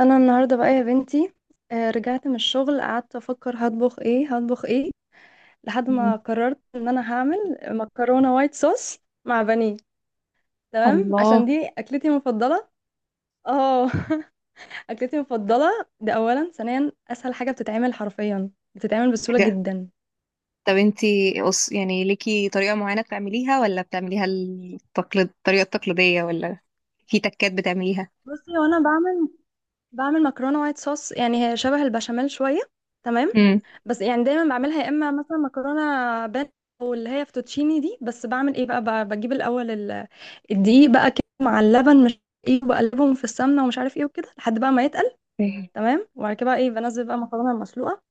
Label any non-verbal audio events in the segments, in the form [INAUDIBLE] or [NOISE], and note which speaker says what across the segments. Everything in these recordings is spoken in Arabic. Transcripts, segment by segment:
Speaker 1: انا النهارده بقى يا بنتي، رجعت من الشغل قعدت افكر هطبخ ايه هطبخ ايه لحد
Speaker 2: مم.
Speaker 1: ما قررت ان انا هعمل مكرونه وايت صوص مع بانيه. تمام، عشان
Speaker 2: الله.
Speaker 1: دي اكلتي المفضله. اه. [LAUGHS] اكلتي المفضله ده اولا، ثانيا اسهل حاجه بتتعمل حرفيا، بتتعمل بسهوله
Speaker 2: حاجة.
Speaker 1: جدا.
Speaker 2: طب انتي يعني ليكي طريقة معينة بتعمليها ولا بتعمليها الطريقة التقليدية، ولا في تكات بتعمليها؟
Speaker 1: بصي، وانا بعمل مكرونه وايت صوص، يعني هي شبه البشاميل شويه. تمام.
Speaker 2: امم
Speaker 1: بس يعني دايما بعملها يا اما مثلا مكرونه بان، او اللي هي فوتوتشيني دي. بس بعمل ايه بقى؟ بجيب الاول الدقيق بقى كده مع اللبن، مش ايه، بقلبهم في السمنه ومش عارف ايه وكده لحد بقى ما يتقل. تمام، وبعد كده بقى ايه بنزل بقى المكرونه المسلوقه.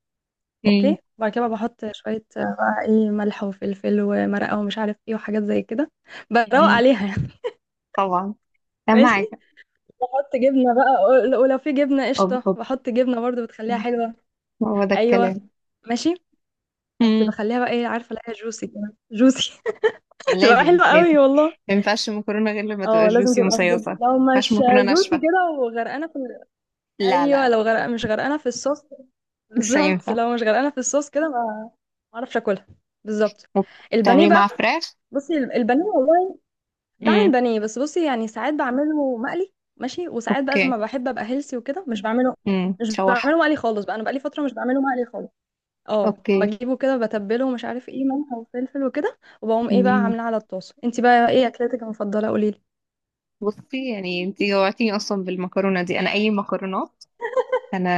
Speaker 2: امم
Speaker 1: اوكي، وبعد كده بقى بحط شويه، بقى ايه ملح وفلفل ومرقه ومش عارف ايه وحاجات زي كده، بروق عليها يعني.
Speaker 2: طبعا،
Speaker 1: [LAUGHS]
Speaker 2: اهم
Speaker 1: ماشي.
Speaker 2: حاجة.
Speaker 1: بحط جبنه بقى، ولو في جبنه
Speaker 2: أب
Speaker 1: قشطه
Speaker 2: أب
Speaker 1: بحط جبنه برضو، بتخليها
Speaker 2: مم.
Speaker 1: حلوه.
Speaker 2: هو ده
Speaker 1: ايوه.
Speaker 2: الكلام.
Speaker 1: ماشي. بس
Speaker 2: امم
Speaker 1: بخليها بقى ايه، عارفه الاقيها جوسي كده، جوسي. [LAUGHS] تبقى
Speaker 2: لازم
Speaker 1: حلوه
Speaker 2: لازم،
Speaker 1: قوي والله.
Speaker 2: ما ينفعش المكرونة غير لما تبقى
Speaker 1: اه لازم
Speaker 2: جوسي
Speaker 1: تبقى
Speaker 2: ومصيصة،
Speaker 1: جوسي،
Speaker 2: ما
Speaker 1: لو
Speaker 2: ينفعش
Speaker 1: مش
Speaker 2: مكرونة
Speaker 1: جوسي
Speaker 2: ناشفة.
Speaker 1: كده وغرقانه في،
Speaker 2: لا لا
Speaker 1: ايوه
Speaker 2: لا،
Speaker 1: لو غرق مش غرقانه في الصوص،
Speaker 2: مش
Speaker 1: بالظبط
Speaker 2: هينفع.
Speaker 1: لو مش غرقانه في الصوص كده ما اعرفش اكلها. بالظبط. البانيه
Speaker 2: وبتعملي معاها
Speaker 1: بقى،
Speaker 2: فراخ؟
Speaker 1: بصي البانيه والله
Speaker 2: امم
Speaker 1: بعمل بانيه. بس بصي يعني ساعات بعمله مقلي، ماشي، وساعات بقى
Speaker 2: اوكي.
Speaker 1: لما بحب ابقى هيلسي وكده مش بعمله مش
Speaker 2: تشوحها.
Speaker 1: بعمله مقلي خالص بقى، انا بقالي فتره مش بعمله مقلي خالص. اه
Speaker 2: اوكي،
Speaker 1: بجيبه كده بتبله ومش عارف ايه، ملح وفلفل وكده، وبقوم ايه بقى عاملاه على الطاسه. انت بقى ايه اكلتك المفضله؟ قولي لي.
Speaker 2: بصي، يعني انت جوعتيني اصلا بالمكرونه دي. انا اي مكرونات، انا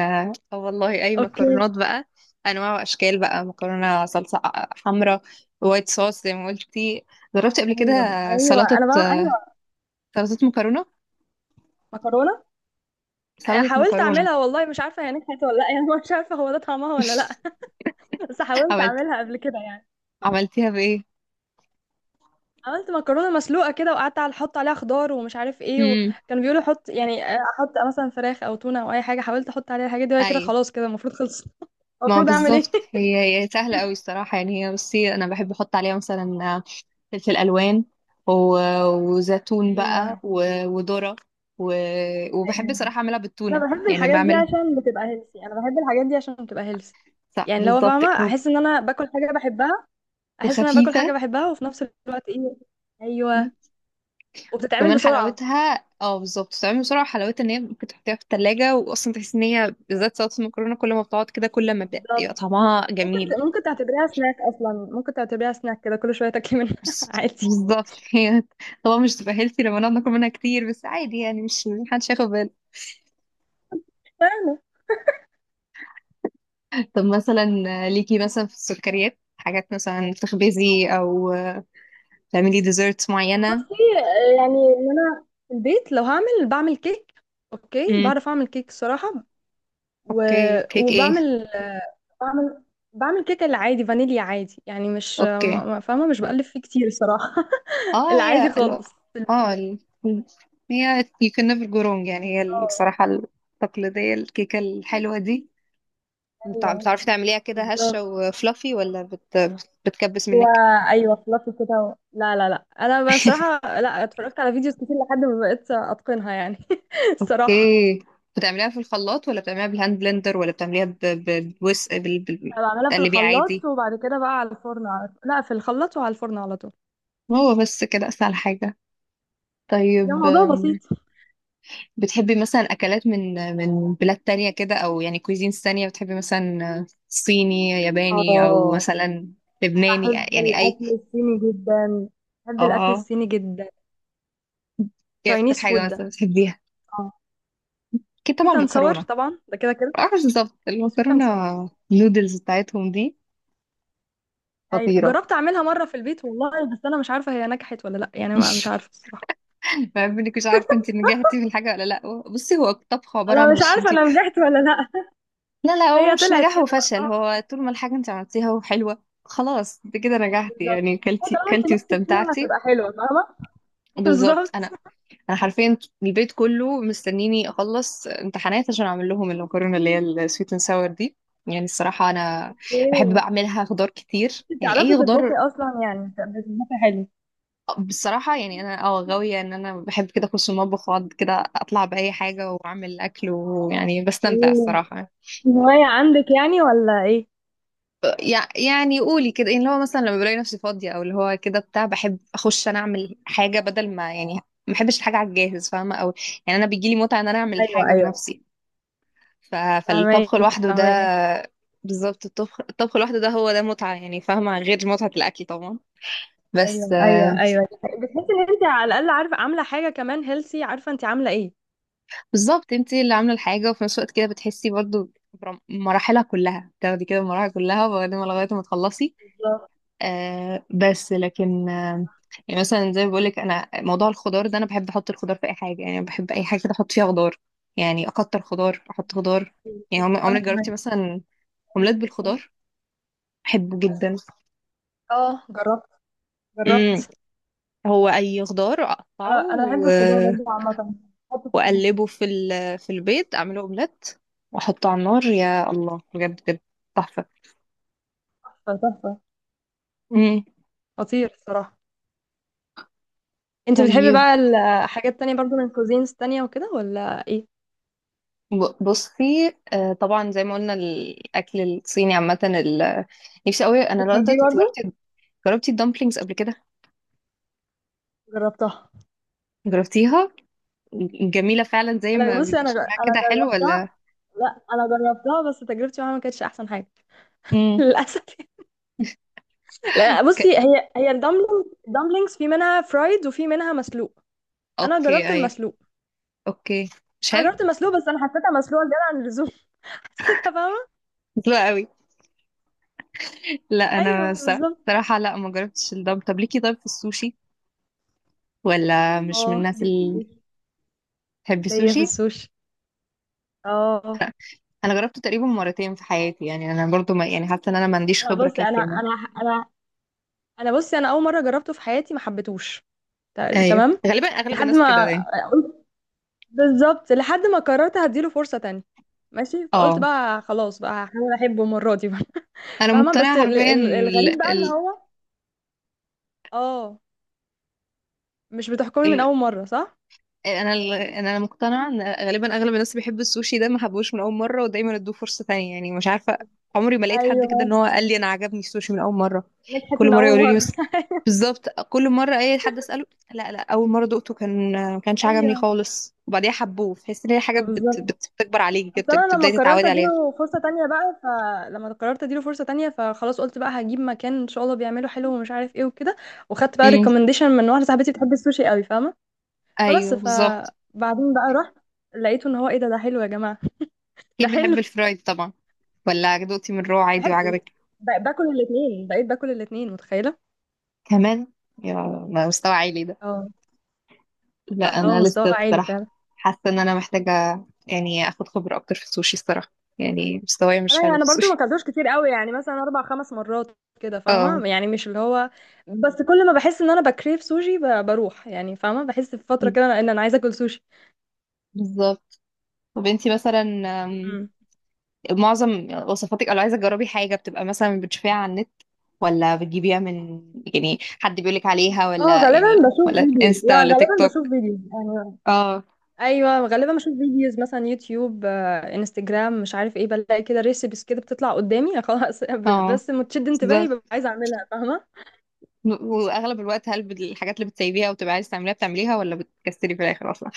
Speaker 2: اه والله اي
Speaker 1: اوكي.
Speaker 2: مكرونات بقى، انواع واشكال، بقى مكرونه صلصه حمراء، وايت صوص زي ما قلتي، جربت قبل كده.
Speaker 1: ايوه ايوه
Speaker 2: سلطه
Speaker 1: انا بقى ايوه
Speaker 2: سلطه مكرونه،
Speaker 1: مكرونه.
Speaker 2: سلطه
Speaker 1: حاولت
Speaker 2: مكرونه
Speaker 1: اعملها والله، مش عارفه هي نجحت ولا لا. [LAUGHS] يعني مش عارفه هو ده طعمها ولا لا. بس حاولت
Speaker 2: عملت
Speaker 1: اعملها قبل كده يعني.
Speaker 2: عملتيها بايه؟
Speaker 1: عملت مكرونه مسلوقه كده وقعدت على احط عليها خضار ومش عارف ايه،
Speaker 2: امم
Speaker 1: وكانوا بيقولوا حط يعني، احط مثلا فراخ او تونه او اي حاجه. حاولت احط عليها الحاجات دي وهي
Speaker 2: اي،
Speaker 1: كده خلاص كده المفروض خلصت.
Speaker 2: ما
Speaker 1: المفروض اعمل ايه؟
Speaker 2: بالظبط، هي هي سهله قوي الصراحه. يعني هي، بصي، انا بحب احط عليها مثلا فلفل الوان،
Speaker 1: [LAUGHS]
Speaker 2: وزيتون بقى،
Speaker 1: ايوه
Speaker 2: وذره، وبحب
Speaker 1: ايوه.
Speaker 2: صراحه اعملها بالتونه،
Speaker 1: انا بحب
Speaker 2: يعني
Speaker 1: الحاجات دي
Speaker 2: بعملها.
Speaker 1: عشان بتبقى هيلسي، انا بحب الحاجات دي عشان بتبقى هيلسي.
Speaker 2: صح،
Speaker 1: يعني لو
Speaker 2: بالظبط
Speaker 1: فاهمه،
Speaker 2: كده.
Speaker 1: احس ان انا باكل حاجه بحبها، احس ان انا باكل
Speaker 2: وخفيفه،
Speaker 1: حاجه بحبها وفي نفس الوقت ايه. ايوه. وبتتعمل
Speaker 2: كمان
Speaker 1: بسرعه.
Speaker 2: حلاوتها، اه بالظبط بتتعمل بسرعه، وحلاوتها ان هي ممكن تحطيها في التلاجة، واصلا تحس ان هي بالذات سلطه المكرونه كل ما بتقعد كده كل ما بيبقى
Speaker 1: بالظبط.
Speaker 2: طعمها جميل.
Speaker 1: ممكن تعتبريها سناك اصلا، ممكن تعتبريها سناك كده، كل شويه تاكلي منها. [LAUGHS]
Speaker 2: بس-
Speaker 1: عادي.
Speaker 2: بالظبط، [LAUGHS] هي. طبعا مش تبقى هيلثي لما نقعد ناكل منها كتير، بس عادي يعني، مش محدش هياخد باله.
Speaker 1: فاهمه.
Speaker 2: طب مثلا ليكي، مثلا في السكريات، حاجات مثلا بتخبزي او تعملي ديزرتس معينة؟
Speaker 1: بصي، يعني ان انا في البيت لو هعمل بعمل كيك. اوكي
Speaker 2: امم
Speaker 1: بعرف اعمل كيك الصراحه. و...
Speaker 2: اوكي، كيك ايه؟
Speaker 1: وبعمل بعمل بعمل كيك العادي فانيليا عادي، يعني مش
Speaker 2: اوكي.
Speaker 1: فاهمه مش بقلب فيه كتير الصراحه. [LAUGHS]
Speaker 2: اه
Speaker 1: العادي
Speaker 2: هي ال-
Speaker 1: خالص
Speaker 2: اه
Speaker 1: البيزك.
Speaker 2: ال- هي you can never go wrong، يعني هي
Speaker 1: اه.
Speaker 2: الصراحة التقليدية، الكيكة الحلوة دي.
Speaker 1: ايوه
Speaker 2: بتعرفي تعمليها كده
Speaker 1: بالظبط.
Speaker 2: هشة وفلافي، ولا بتكبس
Speaker 1: هو
Speaker 2: منك؟
Speaker 1: ايوه فلافي كده و... لا لا لا انا بصراحه
Speaker 2: [LAUGHS]
Speaker 1: لا، اتفرجت على فيديوز كتير لحد ما بقيت اتقنها يعني. [LAUGHS] الصراحه.
Speaker 2: اوكي، بتعمليها في الخلاط، ولا بتعمليها بالهاند بلندر، ولا بتعمليها ب... ب... بوس... بال... بال...
Speaker 1: انا بعملها في
Speaker 2: بتقلبيها
Speaker 1: الخلاط
Speaker 2: عادي؟
Speaker 1: وبعد كده بقى على الفرن على طول، لا في الخلاط وعلى الفرن على طول.
Speaker 2: هو بس كده اسهل حاجة.
Speaker 1: ده
Speaker 2: طيب،
Speaker 1: موضوع بسيط.
Speaker 2: بتحبي مثلا أكلات من بلاد تانية كده، أو يعني كويزينز تانية، بتحبي مثلا صيني، ياباني، أو
Speaker 1: اه.
Speaker 2: مثلا لبناني،
Speaker 1: بحب
Speaker 2: يعني أي؟
Speaker 1: الاكل الصيني جدا، بحب الاكل
Speaker 2: اه،
Speaker 1: الصيني جدا.
Speaker 2: ايه أكتر
Speaker 1: تشاينيز
Speaker 2: حاجة
Speaker 1: فود ده.
Speaker 2: مثلا بتحبيها؟
Speaker 1: اه.
Speaker 2: أكيد طبعا
Speaker 1: سويت اند ساور
Speaker 2: المكرونة.
Speaker 1: طبعا ده كده كده.
Speaker 2: معرفش بالظبط،
Speaker 1: وسويت اند
Speaker 2: المكرونة
Speaker 1: ساور.
Speaker 2: النودلز بتاعتهم دي
Speaker 1: ايوه
Speaker 2: خطيرة.
Speaker 1: جربت اعملها مره في البيت والله، بس انا مش عارفه هي نجحت ولا لا يعني، ما مش عارفه الصراحه.
Speaker 2: بحب انك مش عارفة انت نجحتي في الحاجة ولا لأ. بصي، هو الطبخ عبارة
Speaker 1: انا
Speaker 2: عن،
Speaker 1: مش
Speaker 2: مش
Speaker 1: عارفه
Speaker 2: انت،
Speaker 1: انا نجحت ولا لا. [LAUGHS]
Speaker 2: لا لا، هو
Speaker 1: هي
Speaker 2: مش
Speaker 1: طلعت
Speaker 2: نجاح
Speaker 1: كده بقى،
Speaker 2: وفشل.
Speaker 1: فاهمه.
Speaker 2: هو طول ما الحاجة انت عملتيها وحلوة، خلاص انت كده نجحتي،
Speaker 1: بالظبط.
Speaker 2: يعني
Speaker 1: هو
Speaker 2: كلتي
Speaker 1: طالما
Speaker 2: كلتي
Speaker 1: انت نفسك فيها
Speaker 2: واستمتعتي.
Speaker 1: هتبقى حلوه، فاهمه. [LAUGHS]
Speaker 2: بالظبط،
Speaker 1: بالظبط.
Speaker 2: انا انا حرفيا البيت كله مستنيني اخلص امتحانات عشان اعمل لهم المكرونه اللي هي السويت اند ساور دي. يعني الصراحه انا بحب بقى
Speaker 1: ايه؟
Speaker 2: اعملها خضار كتير، يعني
Speaker 1: بتعرفي
Speaker 2: اي
Speaker 1: تطبخي
Speaker 2: خضار.
Speaker 1: اصلا يعني؟ بتطبخي حلو.
Speaker 2: بصراحه يعني انا اه غاويه ان انا بحب كده اخش المطبخ واقعد كده اطلع باي حاجه واعمل اكل، ويعني بستمتع
Speaker 1: إيه،
Speaker 2: الصراحه.
Speaker 1: هواية عندك يعني ولا ايه؟
Speaker 2: يعني قولي كده، يعني اللي هو مثلا لما بلاقي نفسي فاضيه، او اللي هو كده بتاع، بحب اخش انا اعمل حاجه بدل ما، يعني ما بحبش الحاجه على الجاهز فاهمه، او يعني انا بيجيلي متعه ان انا اعمل
Speaker 1: ايوه
Speaker 2: الحاجه
Speaker 1: ايوه.
Speaker 2: بنفسي. ف... فالطبخ
Speaker 1: فهماك
Speaker 2: لوحده ده،
Speaker 1: فهماك.
Speaker 2: بالظبط الطبخ، الطبخ لوحده ده، هو ده متعة يعني، فاهمة، غير متعة الأكل طبعا. بس
Speaker 1: ايوه ايوه
Speaker 2: آه،
Speaker 1: ايوه. بتحسي ان انت على الاقل عارفه عامله حاجه كمان هيلسي، عارفه انت عامله ايه.
Speaker 2: بالظبط انتي اللي عاملة الحاجة، وفي نفس الوقت كده بتحسي برضو مراحلها كلها، تاخدي كده المراحل كلها، وبعدين لغاية ما تخلصي.
Speaker 1: بالظبط.
Speaker 2: بس لكن، يعني مثلا زي ما بقولك، أنا موضوع الخضار ده أنا بحب أحط الخضار في أي حاجة. يعني بحب أي حاجة كده أحط فيها خضار، يعني أكتر خضار أحط خضار. يعني عمرك عمرك
Speaker 1: انا كمان.
Speaker 2: جربتي مثلا أومليت بالخضار؟ بحبه جدا.
Speaker 1: اه جربت جربت.
Speaker 2: مم، هو اي خضار اقطعه
Speaker 1: انا بحب الخضار برضه عامة، بحطه في اي حاجة.
Speaker 2: واقلبه في البيض، اعمله اومليت واحطه على النار، يا الله بجد بجد تحفه.
Speaker 1: تحفة تحفه.
Speaker 2: مم.
Speaker 1: خطير الصراحه. انت بتحبي
Speaker 2: طيب،
Speaker 1: بقى الحاجات التانية برضو من كوزينز تانية وكده ولا ايه؟
Speaker 2: بصي طبعا زي ما قلنا، الاكل الصيني عامه. نفسي قوي انا لغايه
Speaker 1: بتحبيه
Speaker 2: دلوقتي. انت
Speaker 1: برضه.
Speaker 2: جربتي، جربتي الدمبلينجز قبل كده؟
Speaker 1: جربتها.
Speaker 2: جربتيها. جميله فعلا، زي
Speaker 1: انا
Speaker 2: ما
Speaker 1: بصي،
Speaker 2: بيبقى شكلها
Speaker 1: انا
Speaker 2: كده حلو ولا؟
Speaker 1: جربتها. لا انا جربتها بس تجربتي معاها ما كانتش احسن حاجه. [LAUGHS]
Speaker 2: امم
Speaker 1: للاسف. لا
Speaker 2: ك...
Speaker 1: بصي هي، هي الدمبلينج، الدمبلينجز في منها فرايد وفي منها مسلوق. انا
Speaker 2: اوكي،
Speaker 1: جربت
Speaker 2: اي.
Speaker 1: المسلوق.
Speaker 2: اوكي، مش
Speaker 1: انا
Speaker 2: حلو.
Speaker 1: جربت المسلوق بس انا حسيتها مسلوقه زياده عن اللزوم. [LAUGHS] حسيتها فاهمه.
Speaker 2: حلو قوي. لا انا
Speaker 1: ايوه بالظبط.
Speaker 2: صراحه لا ما جربتش الدم. طب ليكي، طيب في السوشي، ولا مش من
Speaker 1: اه
Speaker 2: الناس
Speaker 1: ليا في
Speaker 2: اللي
Speaker 1: السوشي.
Speaker 2: بتحب
Speaker 1: ليا في
Speaker 2: السوشي؟
Speaker 1: السوشي. اه.
Speaker 2: انا جربته تقريبا مرتين في حياتي، يعني انا برضو، ما يعني، حاسه ان انا ما عنديش
Speaker 1: لا
Speaker 2: خبره
Speaker 1: بصي،
Speaker 2: كافيه انا.
Speaker 1: انا انا بصي انا اول مره جربته في حياتي ما حبيتهوش.
Speaker 2: ايوه،
Speaker 1: تمام.
Speaker 2: غالبا اغلب
Speaker 1: لحد
Speaker 2: الناس
Speaker 1: ما،
Speaker 2: كده يعني.
Speaker 1: بالظبط لحد ما قررت هديله فرصة تانية. ماشي، فقلت
Speaker 2: اه،
Speaker 1: بقى خلاص بقى هحاول احبه المرة دي بقى. [LAUGHS]
Speaker 2: انا
Speaker 1: فاهمة. بس
Speaker 2: مقتنعه حرفيا.
Speaker 1: الغريب بقى ان هو، اه، مش بتحكمي من اول مرة صح؟
Speaker 2: انا مقتنعه ان غالبا اغلب الناس اللي بيحب السوشي ده ما حبوش من اول مره، ودايما ادوه فرصه تانية، يعني مش عارفه. عمري ما لقيت حد
Speaker 1: ايوه
Speaker 2: كده ان هو قال لي انا عجبني السوشي من اول مره،
Speaker 1: نجحت
Speaker 2: كل
Speaker 1: من
Speaker 2: مره
Speaker 1: اول
Speaker 2: يقولوا لي، بس
Speaker 1: مرة.
Speaker 2: بالظبط، كل مره اي حد اساله، لا لا، اول مره دقته كان ما
Speaker 1: [LAUGHS]
Speaker 2: كانش عجبني
Speaker 1: ايوه
Speaker 2: خالص، وبعديها حبوه. تحس ان هي حاجه
Speaker 1: بالظبط.
Speaker 2: بتكبر عليكي كده،
Speaker 1: اصل انا لما
Speaker 2: بتبداي
Speaker 1: قررت
Speaker 2: تتعودي عليها.
Speaker 1: اديله فرصة تانية بقى، فلما قررت اديله فرصة تانية فخلاص قلت بقى هجيب مكان ان شاء الله بيعمله حلو ومش عارف ايه وكده. وخدت بقى
Speaker 2: امم
Speaker 1: ريكومنديشن من واحدة صاحبتي بتحب السوشي قوي، فاهمة. فبس
Speaker 2: ايوه بالظبط.
Speaker 1: فبعدين بقى رحت، لقيته ان هو ايه ده، ده حلو يا جماعة. [LAUGHS] ده
Speaker 2: اكيد بحب
Speaker 1: حلو.
Speaker 2: الفرايد طبعا، ولا دقتي من رو عادي
Speaker 1: بحب.
Speaker 2: وعجبك
Speaker 1: باكل الاثنين، بقيت باكل الاثنين، متخيله.
Speaker 2: كمان؟ يا، مستوى عالي ده.
Speaker 1: اه.
Speaker 2: لا
Speaker 1: اه
Speaker 2: انا لسه
Speaker 1: مستوى عالي
Speaker 2: الصراحه
Speaker 1: فعلا.
Speaker 2: حاسه ان انا محتاجه يعني اخد خبره اكتر في السوشي الصراحه، يعني مستواي مش
Speaker 1: انا
Speaker 2: حلو في
Speaker 1: انا برضو ما
Speaker 2: السوشي.
Speaker 1: اكلتوش كتير قوي، يعني مثلا اربع خمس مرات كده،
Speaker 2: [LAUGHS] اه
Speaker 1: فاهمه. يعني مش اللي هو. بس كل ما بحس ان انا بكريف سوشي بروح يعني، فاهمه. بحس في فتره كده ان انا عايزه اكل سوشي.
Speaker 2: بالظبط. طب انتي مثلا، أم،
Speaker 1: مم.
Speaker 2: معظم وصفاتك لو عايزه تجربي حاجه بتبقى مثلا بتشوفيها على النت، ولا بتجيبيها من، يعني حد بيقولك عليها،
Speaker 1: اه
Speaker 2: ولا
Speaker 1: غالبا
Speaker 2: يعني،
Speaker 1: بشوف
Speaker 2: ولا
Speaker 1: فيديوز،
Speaker 2: انستا،
Speaker 1: لا
Speaker 2: ولا تيك
Speaker 1: غالبا
Speaker 2: توك؟
Speaker 1: بشوف فيديوز يعني.
Speaker 2: اه.
Speaker 1: ايوه غالبا بشوف فيديوز مثلا يوتيوب، انستجرام، مش عارف ايه، بلاقي كده ريسيبس كده بتطلع قدامي خلاص. [LAUGHS]
Speaker 2: اه
Speaker 1: بس متشد انتباهي
Speaker 2: بالظبط.
Speaker 1: ببقى عايزه اعملها فاهمه.
Speaker 2: واغلب الوقت، هل الحاجات اللي بتسيبيها وبتبقى عايزه تعمليها، بتعمليها ولا بتكسلي في الاخر اصلا؟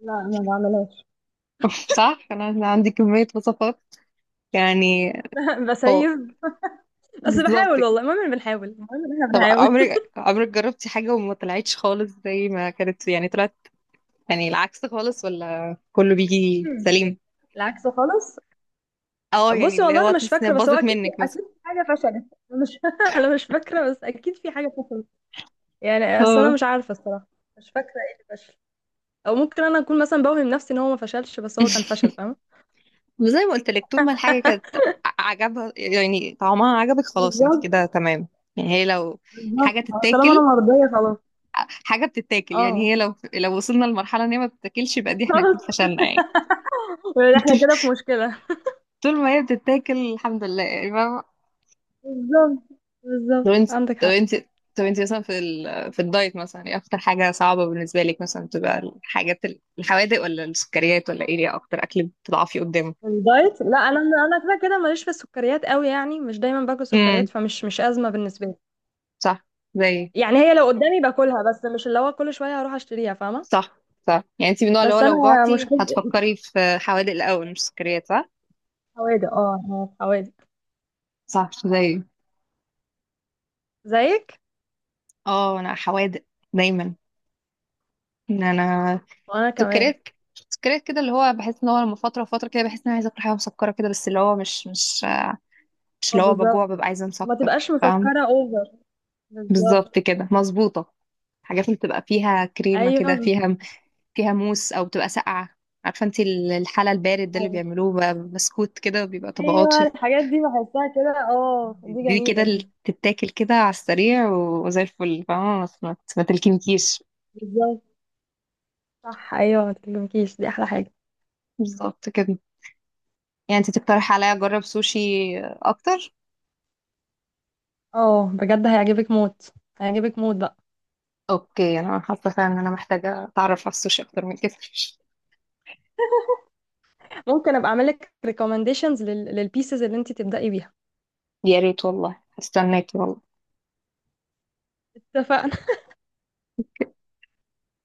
Speaker 1: لا ما بعملهاش.
Speaker 2: [LAUGHS] صح، انا عندي كميه وصفات يعني،
Speaker 1: [LAUGHS]
Speaker 2: هو
Speaker 1: بسيب. بس
Speaker 2: بالظبط
Speaker 1: بحاول
Speaker 2: كده.
Speaker 1: والله، المهم إن بنحاول، المهم ان احنا
Speaker 2: طب
Speaker 1: بنحاول.
Speaker 2: عمرك عمرك جربتي حاجة وما طلعتش خالص زي ما كانت؟ يعني طلعت يعني العكس خالص، ولا كله بيجي
Speaker 1: مم.
Speaker 2: سليم؟
Speaker 1: العكس خالص.
Speaker 2: اه، يعني
Speaker 1: بصي
Speaker 2: اللي
Speaker 1: والله
Speaker 2: هو
Speaker 1: انا مش
Speaker 2: تحس انها
Speaker 1: فاكره بس هو
Speaker 2: باظت
Speaker 1: اكيد في
Speaker 2: منك مثلا.
Speaker 1: اكيد في حاجه فشلت. أنا مش [LAUGHS] انا مش فاكره بس اكيد في حاجه فشلت. يعني اصل انا
Speaker 2: اه.
Speaker 1: مش عارفه الصراحه. مش فاكره ايه اللي فشل، او ممكن انا اكون مثلا بوهم نفسي ان هو ما فشلش بس هو كان
Speaker 2: [LAUGHS]
Speaker 1: فشل، فاهمه.
Speaker 2: زي ما قلت لك، طول ما الحاجة كانت
Speaker 1: [LAUGHS]
Speaker 2: عجبها، يعني طعمها عجبك، خلاص انت
Speaker 1: بالظبط.
Speaker 2: كده تمام. يعني هي لو حاجة
Speaker 1: بالظبط طالما انا
Speaker 2: تتاكل،
Speaker 1: مرضيه خلاص.
Speaker 2: حاجة بتتاكل،
Speaker 1: اه.
Speaker 2: يعني هي لو لو وصلنا لمرحلة ان هي ما بتتاكلش، يبقى دي احنا اكيد
Speaker 1: [LAUGHS]
Speaker 2: فشلنا يعني. [LAUGHS]
Speaker 1: احنا
Speaker 2: طول،
Speaker 1: كده في مشكله.
Speaker 2: طول ما هي بتتاكل الحمد لله يعني.
Speaker 1: بالظبط.
Speaker 2: طب
Speaker 1: بالظبط
Speaker 2: انت
Speaker 1: عندك
Speaker 2: طب
Speaker 1: حق.
Speaker 2: انت طب انت مثلا في الدايت، مثلا ايه اكتر حاجة صعبة بالنسبة لك؟ مثلا بتبقى الحاجات الحوادق، ولا السكريات، ولا ايه؟ ايه اكتر اكل بتضعفي قدامه؟
Speaker 1: الدايت لا انا كده كده ماليش في السكريات قوي يعني، مش دايما باكل
Speaker 2: امم
Speaker 1: سكريات، فمش مش ازمه بالنسبه لي.
Speaker 2: صح. زي،
Speaker 1: يعني هي لو قدامي باكلها، بس مش اللي هو كل شويه هروح اشتريها، فاهمه.
Speaker 2: صح صح، يعني انت من النوع اللي هو
Speaker 1: بس
Speaker 2: لو
Speaker 1: انا
Speaker 2: جعتي
Speaker 1: مشكلتي في
Speaker 2: هتفكري في حوادق الاول مش سكريات صح؟
Speaker 1: الحوادق، اه أنا في حوادق
Speaker 2: صح، زي،
Speaker 1: زيك.
Speaker 2: اه انا حوادق دايما، ان انا
Speaker 1: وانا كمان.
Speaker 2: سكريات، سكريات كده، اللي هو بحس ان هو لما فترة وفترة كده بحس ان انا عايزة اكل حاجة مسكرة كده، بس اللي هو مش، مش
Speaker 1: اه
Speaker 2: اللي هو بجوع
Speaker 1: بالظبط.
Speaker 2: ببقى عايزة
Speaker 1: وما
Speaker 2: مسكر
Speaker 1: تبقاش
Speaker 2: فاهم.
Speaker 1: مسكره اوفر. بالظبط.
Speaker 2: بالظبط كده، مظبوطة. حاجات اللي بتبقى فيها كريمة كده،
Speaker 1: ايوه
Speaker 2: فيها فيها موس، أو بتبقى ساقعة. عارفة انتي الحلى البارد ده اللي
Speaker 1: ايوه
Speaker 2: بيعملوه بسكوت كده، بيبقى طبقات
Speaker 1: ايوه الحاجات دي بحسها كده، اه دي
Speaker 2: دي كده
Speaker 1: جميله
Speaker 2: اللي
Speaker 1: دي.
Speaker 2: تتاكل كده على السريع وزي الفل فاهمة، ما تلكمكيش.
Speaker 1: بالظبط. صح ايوه ما تكلمكيش دي احلى حاجه.
Speaker 2: بالظبط كده. يعني انتي تقترح عليا أجرب سوشي أكتر.
Speaker 1: اه بجد هيعجبك موت، هيعجبك موت بقى.
Speaker 2: أوكي، أنا حاسة فعلا إن أنا محتاجة أتعرف على السوشي أكتر من كده.
Speaker 1: ممكن ابقى اعمل لك ريكومنديشنز للبيسز اللي انت تبدأي بيها.
Speaker 2: يا ريت والله، هستناكي والله.
Speaker 1: اتفقنا.